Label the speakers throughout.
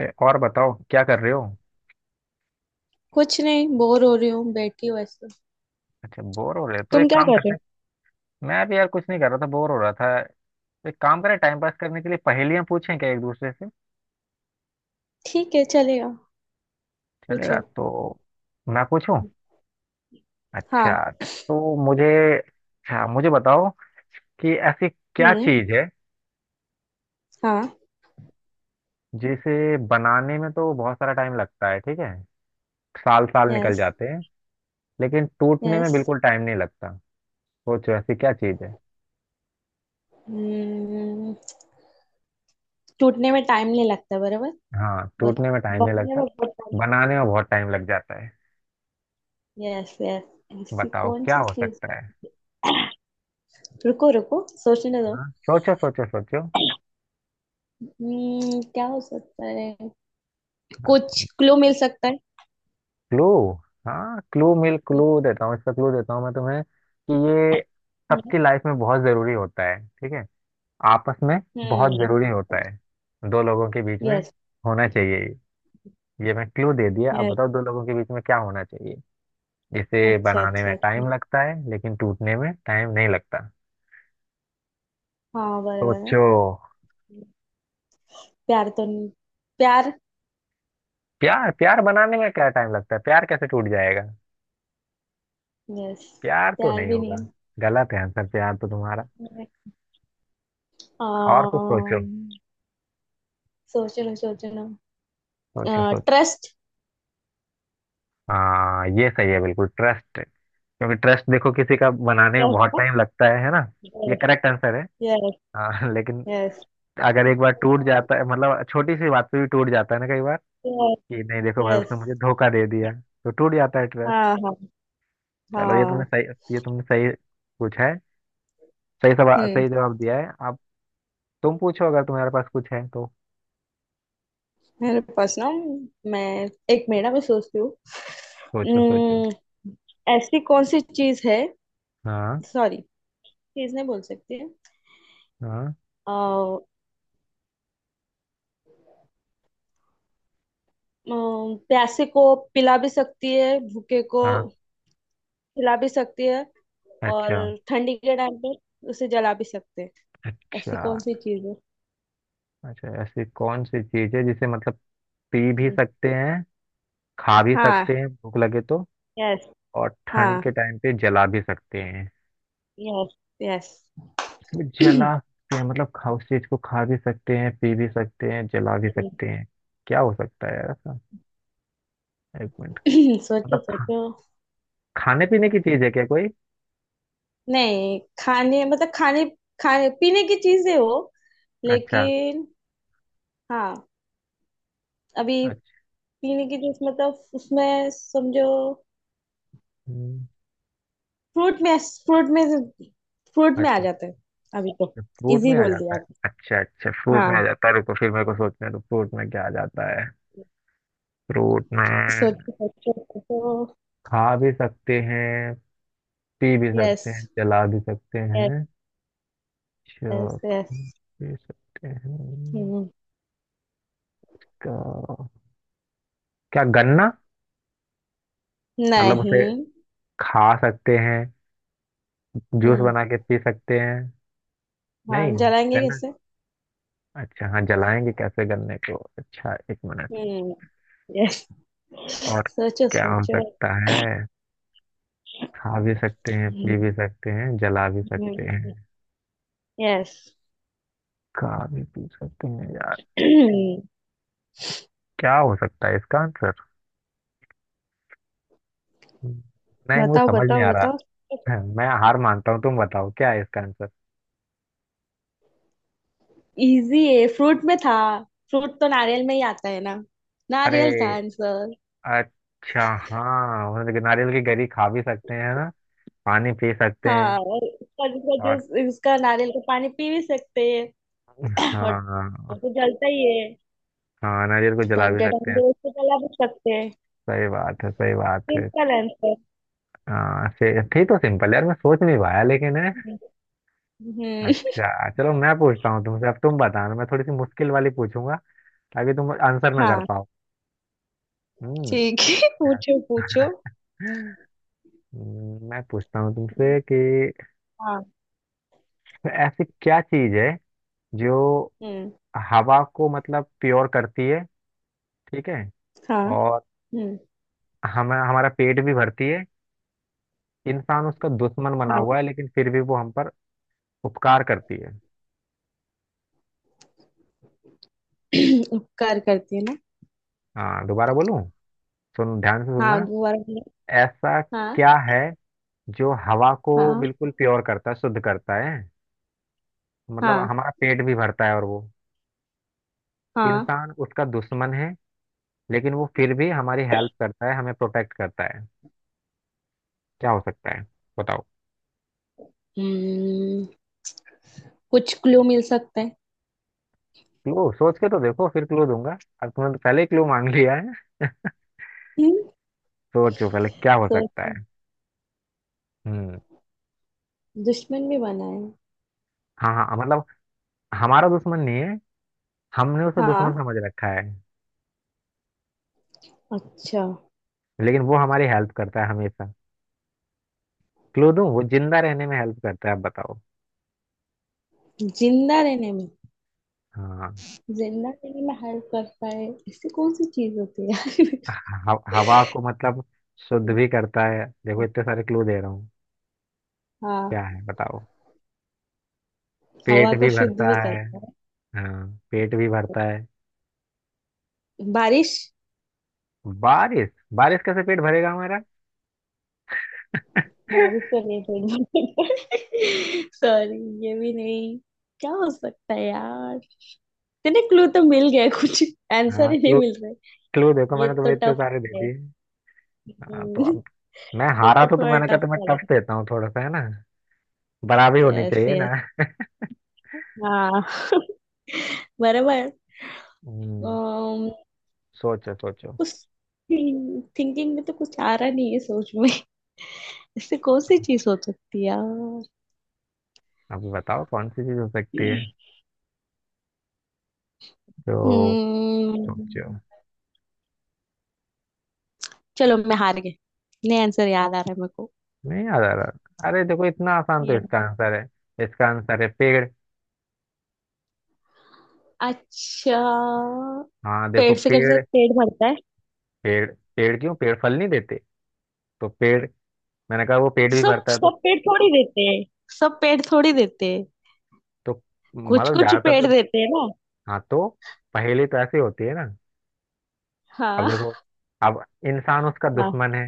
Speaker 1: ए, और बताओ क्या कर रहे हो।
Speaker 2: कुछ नहीं, बोर हो रही हूँ, बैठी हूँ ऐसे।
Speaker 1: अच्छा बोर हो रहे हो तो
Speaker 2: तुम
Speaker 1: एक
Speaker 2: क्या
Speaker 1: काम
Speaker 2: कर रहे
Speaker 1: करते
Speaker 2: हो?
Speaker 1: हैं। मैं भी यार कुछ नहीं कर रहा था, बोर हो रहा था। तो एक काम करें, टाइम पास करने के लिए पहेलियां पूछें क्या एक दूसरे से।
Speaker 2: ठीक है, चलेगा।
Speaker 1: चलेगा
Speaker 2: पूछो।
Speaker 1: तो मैं पूछूं?
Speaker 2: हम्म।
Speaker 1: अच्छा,
Speaker 2: हाँ।
Speaker 1: तो मुझे, अच्छा मुझे बताओ कि ऐसी क्या
Speaker 2: हम्म,
Speaker 1: चीज है
Speaker 2: हाँ।
Speaker 1: जिसे बनाने में तो बहुत सारा टाइम लगता है, ठीक है, साल साल निकल
Speaker 2: यस
Speaker 1: जाते हैं, लेकिन टूटने में
Speaker 2: यस।
Speaker 1: बिल्कुल टाइम नहीं लगता। सोचो ऐसी क्या चीज है।
Speaker 2: हम्म। टूटने में टाइम नहीं लगता, बराबर।
Speaker 1: हाँ,
Speaker 2: और
Speaker 1: टूटने में टाइम नहीं
Speaker 2: बनाने
Speaker 1: लगता,
Speaker 2: में बहुत टाइम।
Speaker 1: बनाने में बहुत टाइम लग जाता है।
Speaker 2: Yes yes. ऐसी
Speaker 1: बताओ
Speaker 2: कौन
Speaker 1: क्या
Speaker 2: सी
Speaker 1: हो
Speaker 2: चीज?
Speaker 1: सकता है।
Speaker 2: रुको रुको, सोचने दो।
Speaker 1: हाँ सोचो सोचो सोचो।
Speaker 2: हम्म, क्या हो सकता है?
Speaker 1: हाँ
Speaker 2: कुछ क्लू मिल सकता है?
Speaker 1: क्लू, हाँ क्लू देता हूँ इसका, क्लू देता हूँ मैं तुम्हें कि ये
Speaker 2: हम्म।
Speaker 1: सबकी लाइफ में बहुत जरूरी होता है, ठीक है, आपस में बहुत
Speaker 2: हम्म।
Speaker 1: जरूरी होता है, दो लोगों के बीच में
Speaker 2: यस
Speaker 1: होना चाहिए ये। ये मैं क्लू दे दिया, अब
Speaker 2: यस।
Speaker 1: बताओ दो लोगों के बीच में क्या होना चाहिए जिसे
Speaker 2: अच्छा
Speaker 1: बनाने
Speaker 2: अच्छा
Speaker 1: में टाइम
Speaker 2: अच्छा।
Speaker 1: लगता है लेकिन टूटने में टाइम नहीं लगता।
Speaker 2: हाँ बराबर है।
Speaker 1: सोचो।
Speaker 2: प्यार तो नहीं? प्यार।
Speaker 1: प्यार? प्यार बनाने में क्या टाइम लगता है, प्यार कैसे टूट जाएगा।
Speaker 2: यस।
Speaker 1: प्यार तो
Speaker 2: त्याल
Speaker 1: नहीं
Speaker 2: भी
Speaker 1: होगा।
Speaker 2: नहीं।
Speaker 1: गलत है आंसर, प्यार तो तुम्हारा। और कुछ सोचो।
Speaker 2: um, सोचना सोचना।
Speaker 1: सोचो सोचो।
Speaker 2: ट्रस्ट।
Speaker 1: हाँ ये सही है, बिल्कुल ट्रस्ट। क्योंकि ट्रस्ट देखो किसी का बनाने में बहुत
Speaker 2: ट्रस्ट।
Speaker 1: टाइम लगता है ना। ये
Speaker 2: यस।
Speaker 1: करेक्ट आंसर है।
Speaker 2: यस।
Speaker 1: हाँ लेकिन
Speaker 2: यस।
Speaker 1: अगर एक बार टूट जाता है, मतलब छोटी सी बात पे भी टूट जाता है ना कई बार, कि नहीं देखो भाई
Speaker 2: यस।
Speaker 1: उसने मुझे धोखा दे दिया तो टूट जाता है ट्रस्ट।
Speaker 2: हाँ हाँ।
Speaker 1: चलो ये तुमने
Speaker 2: हाँ।
Speaker 1: सही, ये तुमने सही पूछा है, सही सवाल,
Speaker 2: हम्म।
Speaker 1: सही जवाब दिया है। अब तुम पूछो अगर तुम्हारे पास कुछ है तो।
Speaker 2: मेरे पास ना, मैं, मैं सोचती हूँ।
Speaker 1: सोचो सोचो।
Speaker 2: हम्म, ऐसी कौन सी चीज है?
Speaker 1: हाँ।
Speaker 2: सॉरी, चीज नहीं बोल सकती है।
Speaker 1: हाँ।
Speaker 2: आ, प्यासे को पिला भी सकती है, भूखे को
Speaker 1: हाँ।
Speaker 2: खिला भी सकती है, और
Speaker 1: अच्छा
Speaker 2: ठंडी के टाइम पे उसे जला भी सकते हैं। ऐसी
Speaker 1: अच्छा
Speaker 2: कौन सी चीज है?
Speaker 1: अच्छा, ऐसी कौन सी चीज है जिसे मतलब पी भी
Speaker 2: हम्म,
Speaker 1: सकते हैं, खा भी सकते
Speaker 2: हाँ।
Speaker 1: हैं भूख लगे तो,
Speaker 2: यस।
Speaker 1: और
Speaker 2: हाँ।
Speaker 1: ठंड के टाइम पे जला भी सकते हैं।
Speaker 2: Yes yes.
Speaker 1: जला सकते हैं मतलब, खा, उस चीज को खा भी सकते हैं, पी भी सकते हैं, जला भी सकते हैं। क्या हो सकता है यार ऐसा। एक मिनट।
Speaker 2: सोचो
Speaker 1: मतलब खा,
Speaker 2: सोचो।
Speaker 1: खाने पीने की चीज है क्या कोई?
Speaker 2: नहीं, खाने मतलब, खाने खाने पीने की चीजें हो,
Speaker 1: अच्छा।
Speaker 2: लेकिन। हाँ। अभी।
Speaker 1: अच्छा।
Speaker 2: पीने की चीज मतलब उसमें समझो।
Speaker 1: हम्म।
Speaker 2: फ्रूट में, फ्रूट में, फ्रूट में आ
Speaker 1: अच्छा।
Speaker 2: जाता है। अभी तो।
Speaker 1: अच्छा, फ्रूट
Speaker 2: इजी
Speaker 1: में आ
Speaker 2: बोल
Speaker 1: जाता
Speaker 2: दिया
Speaker 1: है,
Speaker 2: आप।
Speaker 1: अच्छा अच्छा फ्रूट में आ
Speaker 2: हाँ।
Speaker 1: जाता है, रुको फिर मेरे को सोचने दो फ्रूट में क्या आ जाता है। फ्रूट में,
Speaker 2: सोचो सोचो सोचो।
Speaker 1: खा भी सकते हैं, पी भी
Speaker 2: यस
Speaker 1: सकते हैं, जला भी सकते हैं।
Speaker 2: यस।
Speaker 1: चाक?
Speaker 2: यस।
Speaker 1: पी सकते हैं।
Speaker 2: हम्म।
Speaker 1: का, क्या गन्ना? मतलब उसे
Speaker 2: नहीं।
Speaker 1: खा सकते हैं, जूस
Speaker 2: हम्म।
Speaker 1: बना के पी सकते हैं।
Speaker 2: हाँ,
Speaker 1: नहीं,
Speaker 2: जलाएंगे
Speaker 1: गन्ना।
Speaker 2: कैसे?
Speaker 1: अच्छा हाँ जलाएंगे कैसे गन्ने को, अच्छा एक मिनट।
Speaker 2: हम्म। यस।
Speaker 1: और
Speaker 2: सोचो
Speaker 1: क्या हो
Speaker 2: सोचो।
Speaker 1: सकता है, खा भी सकते हैं, पी भी सकते हैं, जला भी सकते हैं।
Speaker 2: यस।
Speaker 1: खा भी पी सकते हैं यार, क्या हो सकता है इसका आंसर। नहीं मुझे
Speaker 2: बताओ
Speaker 1: समझ नहीं
Speaker 2: बताओ
Speaker 1: आ
Speaker 2: बताओ।
Speaker 1: रहा। मैं हार मानता हूँ, तुम बताओ क्या है इसका आंसर।
Speaker 2: इजी है, फ्रूट में था। फ्रूट तो नारियल में ही आता है ना।
Speaker 1: अरे,
Speaker 2: नारियल था आंसर।
Speaker 1: अच्छा हाँ, मतलब नारियल की गरी खा भी सकते हैं ना, पानी पी सकते
Speaker 2: हाँ,
Speaker 1: हैं,
Speaker 2: और इसका, इसका
Speaker 1: और
Speaker 2: जूस, इसका नारियल का पानी पी भी सकते हैं। और वो
Speaker 1: हाँ।
Speaker 2: तो जलता ही है।
Speaker 1: हाँ, नारियल को जला भी
Speaker 2: ठंडे
Speaker 1: सकते हैं।
Speaker 2: ठंडे उसको जला भी सकते हैं।
Speaker 1: सही बात है, सही बात है।
Speaker 2: Simple answer.
Speaker 1: हाँ से थी तो सिंपल यार, मैं सोच नहीं पाया लेकिन है।
Speaker 2: हम्म।
Speaker 1: अच्छा चलो मैं पूछता हूँ तुमसे, अब तुम बताना, मैं थोड़ी सी मुश्किल वाली पूछूंगा ताकि तुम आंसर ना कर
Speaker 2: हाँ
Speaker 1: पाओ। हम्म।
Speaker 2: ठीक है।
Speaker 1: क्या-
Speaker 2: पूछो पूछो।
Speaker 1: मैं पूछता हूँ तुमसे कि
Speaker 2: हाँ।
Speaker 1: ऐसी क्या चीज है जो
Speaker 2: हम्म।
Speaker 1: हवा को मतलब प्योर करती है, ठीक है,
Speaker 2: हाँ।
Speaker 1: और
Speaker 2: हम्म।
Speaker 1: हमें हमारा पेट भी भरती है, इंसान उसका दुश्मन बना
Speaker 2: हाँ।
Speaker 1: हुआ है लेकिन फिर भी वो हम पर उपकार करती है।
Speaker 2: उपकार करती है ना।
Speaker 1: हाँ दोबारा बोलूं, सुन ध्यान से
Speaker 2: हाँ,
Speaker 1: सुनना।
Speaker 2: दोबारा बोलो।
Speaker 1: ऐसा
Speaker 2: हाँ।
Speaker 1: क्या है जो हवा को
Speaker 2: हाँ।
Speaker 1: बिल्कुल प्योर करता है, शुद्ध करता है, मतलब
Speaker 2: हाँ।
Speaker 1: हमारा पेट भी भरता है, और वो
Speaker 2: हाँ।
Speaker 1: इंसान उसका दुश्मन है, लेकिन वो फिर भी हमारी हेल्प करता है, हमें प्रोटेक्ट करता है। क्या हो सकता है, बताओ।
Speaker 2: हम्म। कुछ क्लू मिल सकता है?
Speaker 1: क्लू सोच के तो देखो फिर क्लू दूंगा, अब तुमने तो पहले ही क्लू मांग लिया है।
Speaker 2: हम्म।
Speaker 1: सोचो पहले क्या हो सकता
Speaker 2: सोचो।
Speaker 1: है। हम्म।
Speaker 2: दुश्मन भी बना है।
Speaker 1: हाँ हाँ मतलब हमारा दुश्मन नहीं है, हमने उसे
Speaker 2: हाँ।
Speaker 1: दुश्मन समझ रखा है,
Speaker 2: अच्छा।
Speaker 1: लेकिन वो हमारी हेल्प करता है हमेशा। क्लू दूं, वो जिंदा रहने में हेल्प करता है, आप बताओ।
Speaker 2: जिंदा रहने में?
Speaker 1: हाँ,
Speaker 2: जिंदा रहने में हेल्प करता है। ऐसी कौन सी चीज होती है यार?
Speaker 1: हवा को मतलब शुद्ध भी करता है, देखो इतने सारे क्लू दे रहा हूँ। क्या
Speaker 2: हाँ।
Speaker 1: है बताओ,
Speaker 2: हवा
Speaker 1: पेट
Speaker 2: को
Speaker 1: भी
Speaker 2: शुद्ध
Speaker 1: भरता
Speaker 2: भी
Speaker 1: है।
Speaker 2: करता है।
Speaker 1: हाँ, पेट भी भरता है।
Speaker 2: बारिश।
Speaker 1: बारिश? बारिश कैसे पेट भरेगा हमारा।
Speaker 2: बारिश तो नहीं थोड़ी, सॉरी। ये भी नहीं। क्या हो सकता है यार? तेरे क्लू तो मिल गया कुछ, आंसर
Speaker 1: हाँ
Speaker 2: ही नहीं
Speaker 1: क्लू,
Speaker 2: मिल रहा है।
Speaker 1: क्लू देखो
Speaker 2: ये
Speaker 1: मैंने तुम्हें
Speaker 2: तो
Speaker 1: इतने
Speaker 2: टफ
Speaker 1: सारे दे
Speaker 2: है।
Speaker 1: दिए। हाँ
Speaker 2: हम्म,
Speaker 1: तो अब, मैं
Speaker 2: ये
Speaker 1: हारा
Speaker 2: तो
Speaker 1: तो
Speaker 2: थोड़ा
Speaker 1: मैंने कहा
Speaker 2: टफ
Speaker 1: तुम्हें टफ
Speaker 2: वाला।
Speaker 1: देता हूँ थोड़ा सा है ना, बराबरी होनी
Speaker 2: यस
Speaker 1: चाहिए ना।
Speaker 2: यस। हाँ, बराबर।
Speaker 1: हम्म।
Speaker 2: अम्म,
Speaker 1: सोचो सोचो,
Speaker 2: कुछ, थिंकिंग में तो कुछ आ रहा नहीं है, सोच में। इससे कौन सी चीज हो सकती है यार?
Speaker 1: अब बताओ कौन सी चीज हो सकती है जो। सोचो।
Speaker 2: हम्म, चलो मैं हार गई। नहीं, आंसर याद आ रहा है मेरे को।
Speaker 1: नहीं याद आ रहा, अरे देखो इतना आसान तो
Speaker 2: Yeah।
Speaker 1: इसका आंसर है। इसका आंसर है पेड़।
Speaker 2: अच्छा।
Speaker 1: हाँ देखो,
Speaker 2: पेट से कैसे
Speaker 1: पेड़।
Speaker 2: पेट भरता है?
Speaker 1: पेड़ पेड़ क्यों? पेड़ फल नहीं देते तो पेड़? मैंने कहा वो पेड़ भी
Speaker 2: सब
Speaker 1: भरता है तो।
Speaker 2: सब पेट थोड़ी देते हैं। सब पेट थोड़ी देते हैं।
Speaker 1: तो
Speaker 2: कुछ
Speaker 1: मतलब
Speaker 2: कुछ
Speaker 1: ज्यादातर
Speaker 2: पेट
Speaker 1: तो,
Speaker 2: देते हैं ना।
Speaker 1: हाँ तो पहेली तो ऐसी होती है ना। अब देखो,
Speaker 2: हाँ।
Speaker 1: अब इंसान उसका
Speaker 2: हाँ।
Speaker 1: दुश्मन है,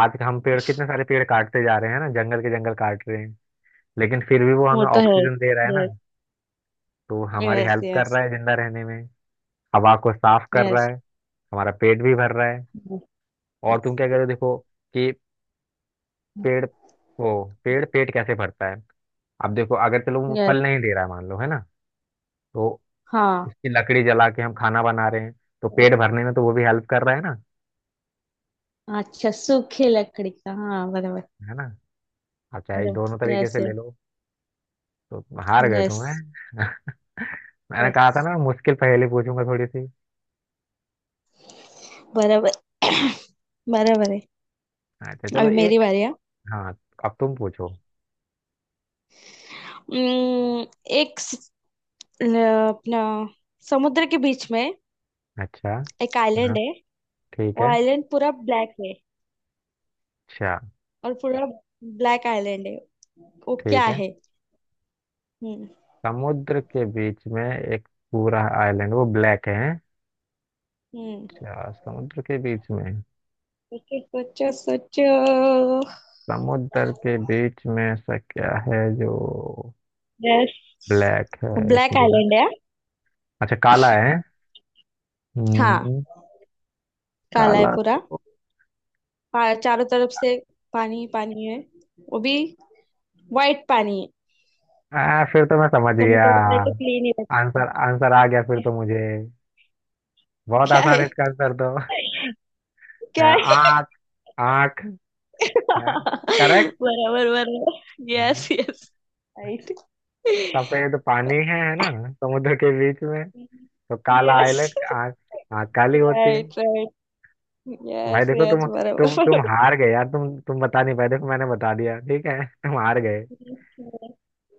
Speaker 1: आज हम पेड़, कितने सारे पेड़ काटते जा रहे हैं ना, जंगल के जंगल काट रहे हैं, लेकिन फिर भी वो
Speaker 2: वो
Speaker 1: हमें
Speaker 2: तो है।
Speaker 1: ऑक्सीजन दे रहा है ना। तो वो
Speaker 2: यस
Speaker 1: हमारी
Speaker 2: यस
Speaker 1: हेल्प कर
Speaker 2: यस।
Speaker 1: रहा है जिंदा रहने में, हवा को साफ कर रहा
Speaker 2: यस
Speaker 1: है, हमारा पेट भी भर रहा है, और
Speaker 2: यस
Speaker 1: तुम क्या कह रहे हो देखो कि पेड़, वो पेड़ पेट कैसे भरता है। अब देखो अगर, चलो वो
Speaker 2: यस।
Speaker 1: फल नहीं दे रहा है मान लो, है ना, तो
Speaker 2: हाँ।
Speaker 1: इसकी लकड़ी जला के हम खाना बना रहे हैं, तो पेट भरने में तो वो भी हेल्प कर रहा है ना।
Speaker 2: अच्छा, सूखी लकड़ी का, हाँ बराबर।
Speaker 1: है ना, आप चाहे दोनों
Speaker 2: बराबर।
Speaker 1: तरीके
Speaker 2: यस।
Speaker 1: से ले लो। तो हार गए
Speaker 2: यस
Speaker 1: तुम हैं। मैंने कहा
Speaker 2: यस।
Speaker 1: था ना मुश्किल पहेली पूछूंगा थोड़ी सी।
Speaker 2: बराबर। बराबर है।
Speaker 1: अच्छा चलो
Speaker 2: अभी मेरी
Speaker 1: एक,
Speaker 2: बारी है।
Speaker 1: हाँ अब तुम पूछो।
Speaker 2: उम्म, एक स- ल- अपना, समुद्र के बीच में
Speaker 1: अच्छा।
Speaker 2: एक
Speaker 1: हाँ
Speaker 2: आइलैंड है।
Speaker 1: ठीक
Speaker 2: वो
Speaker 1: है।
Speaker 2: आइलैंड पूरा ब्लैक है।
Speaker 1: अच्छा
Speaker 2: और पूरा ब्लैक आइलैंड है। वो क्या
Speaker 1: ठीक है,
Speaker 2: है? हम्म।
Speaker 1: समुद्र के बीच में एक पूरा आइलैंड वो ब्लैक है।
Speaker 2: हम्म।
Speaker 1: अच्छा, समुद्र के बीच में,
Speaker 2: सोचो सोचो सोचो।
Speaker 1: समुद्र के बीच में ऐसा क्या है जो
Speaker 2: यस।
Speaker 1: ब्लैक है। एक
Speaker 2: ब्लैक
Speaker 1: मिनट,
Speaker 2: आइलैंड है।
Speaker 1: अच्छा काला है।
Speaker 2: हाँ,
Speaker 1: हम्म,
Speaker 2: काला है
Speaker 1: काला
Speaker 2: पूरा।
Speaker 1: तो,
Speaker 2: चारों तरफ से पानी ही पानी है। वो भी व्हाइट पानी है।
Speaker 1: आ, फिर तो मैं समझ गया,
Speaker 2: समुद्र का तो क्लीन ही रहता है।
Speaker 1: आंसर आंसर आ गया फिर तो मुझे। बहुत
Speaker 2: क्या
Speaker 1: आसान
Speaker 2: है?
Speaker 1: है इसका आंसर तो, आ,
Speaker 2: क्या है?
Speaker 1: आँख। आँख है, करेक्ट।
Speaker 2: बराबर बराबर।
Speaker 1: हाँ।
Speaker 2: Yes yes. राइट।
Speaker 1: सफेद पानी है ना समुद्र के बीच में, तो काला
Speaker 2: यस।
Speaker 1: आइलैंड आँख। आँख काली होती है।
Speaker 2: Right right.
Speaker 1: भाई
Speaker 2: यस
Speaker 1: देखो तुम
Speaker 2: यस, बराबर
Speaker 1: तुम तुम
Speaker 2: बराबर।
Speaker 1: हार गए यार, तुम बता नहीं पाए, देखो मैंने बता दिया, ठीक है। तुम हार गए,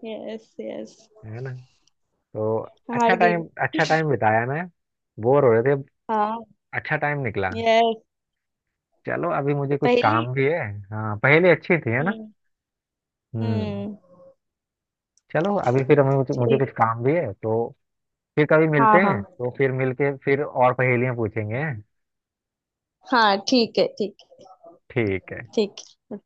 Speaker 2: यस यस।
Speaker 1: है ना। तो, अच्छा
Speaker 2: हार गई।
Speaker 1: टाइम, अच्छा टाइम बिताया ना, बोर हो रहे थे,
Speaker 2: हाँ।
Speaker 1: अच्छा टाइम निकला।
Speaker 2: यस।
Speaker 1: चलो अभी मुझे कुछ
Speaker 2: पहली।
Speaker 1: काम भी है। हाँ पहले अच्छी थी है ना।
Speaker 2: हम्म।
Speaker 1: हम्म।
Speaker 2: हम्म,
Speaker 1: चलो अभी फिर हमें, मुझे
Speaker 2: ठीक।
Speaker 1: कुछ काम भी है, तो फिर कभी मिलते
Speaker 2: हाँ
Speaker 1: हैं
Speaker 2: हाँ।
Speaker 1: तो फिर मिलके फिर और पहेलियां पूछेंगे, हैं?
Speaker 2: हाँ ठीक है, ठीक है।
Speaker 1: ठीक है।
Speaker 2: ठीक है।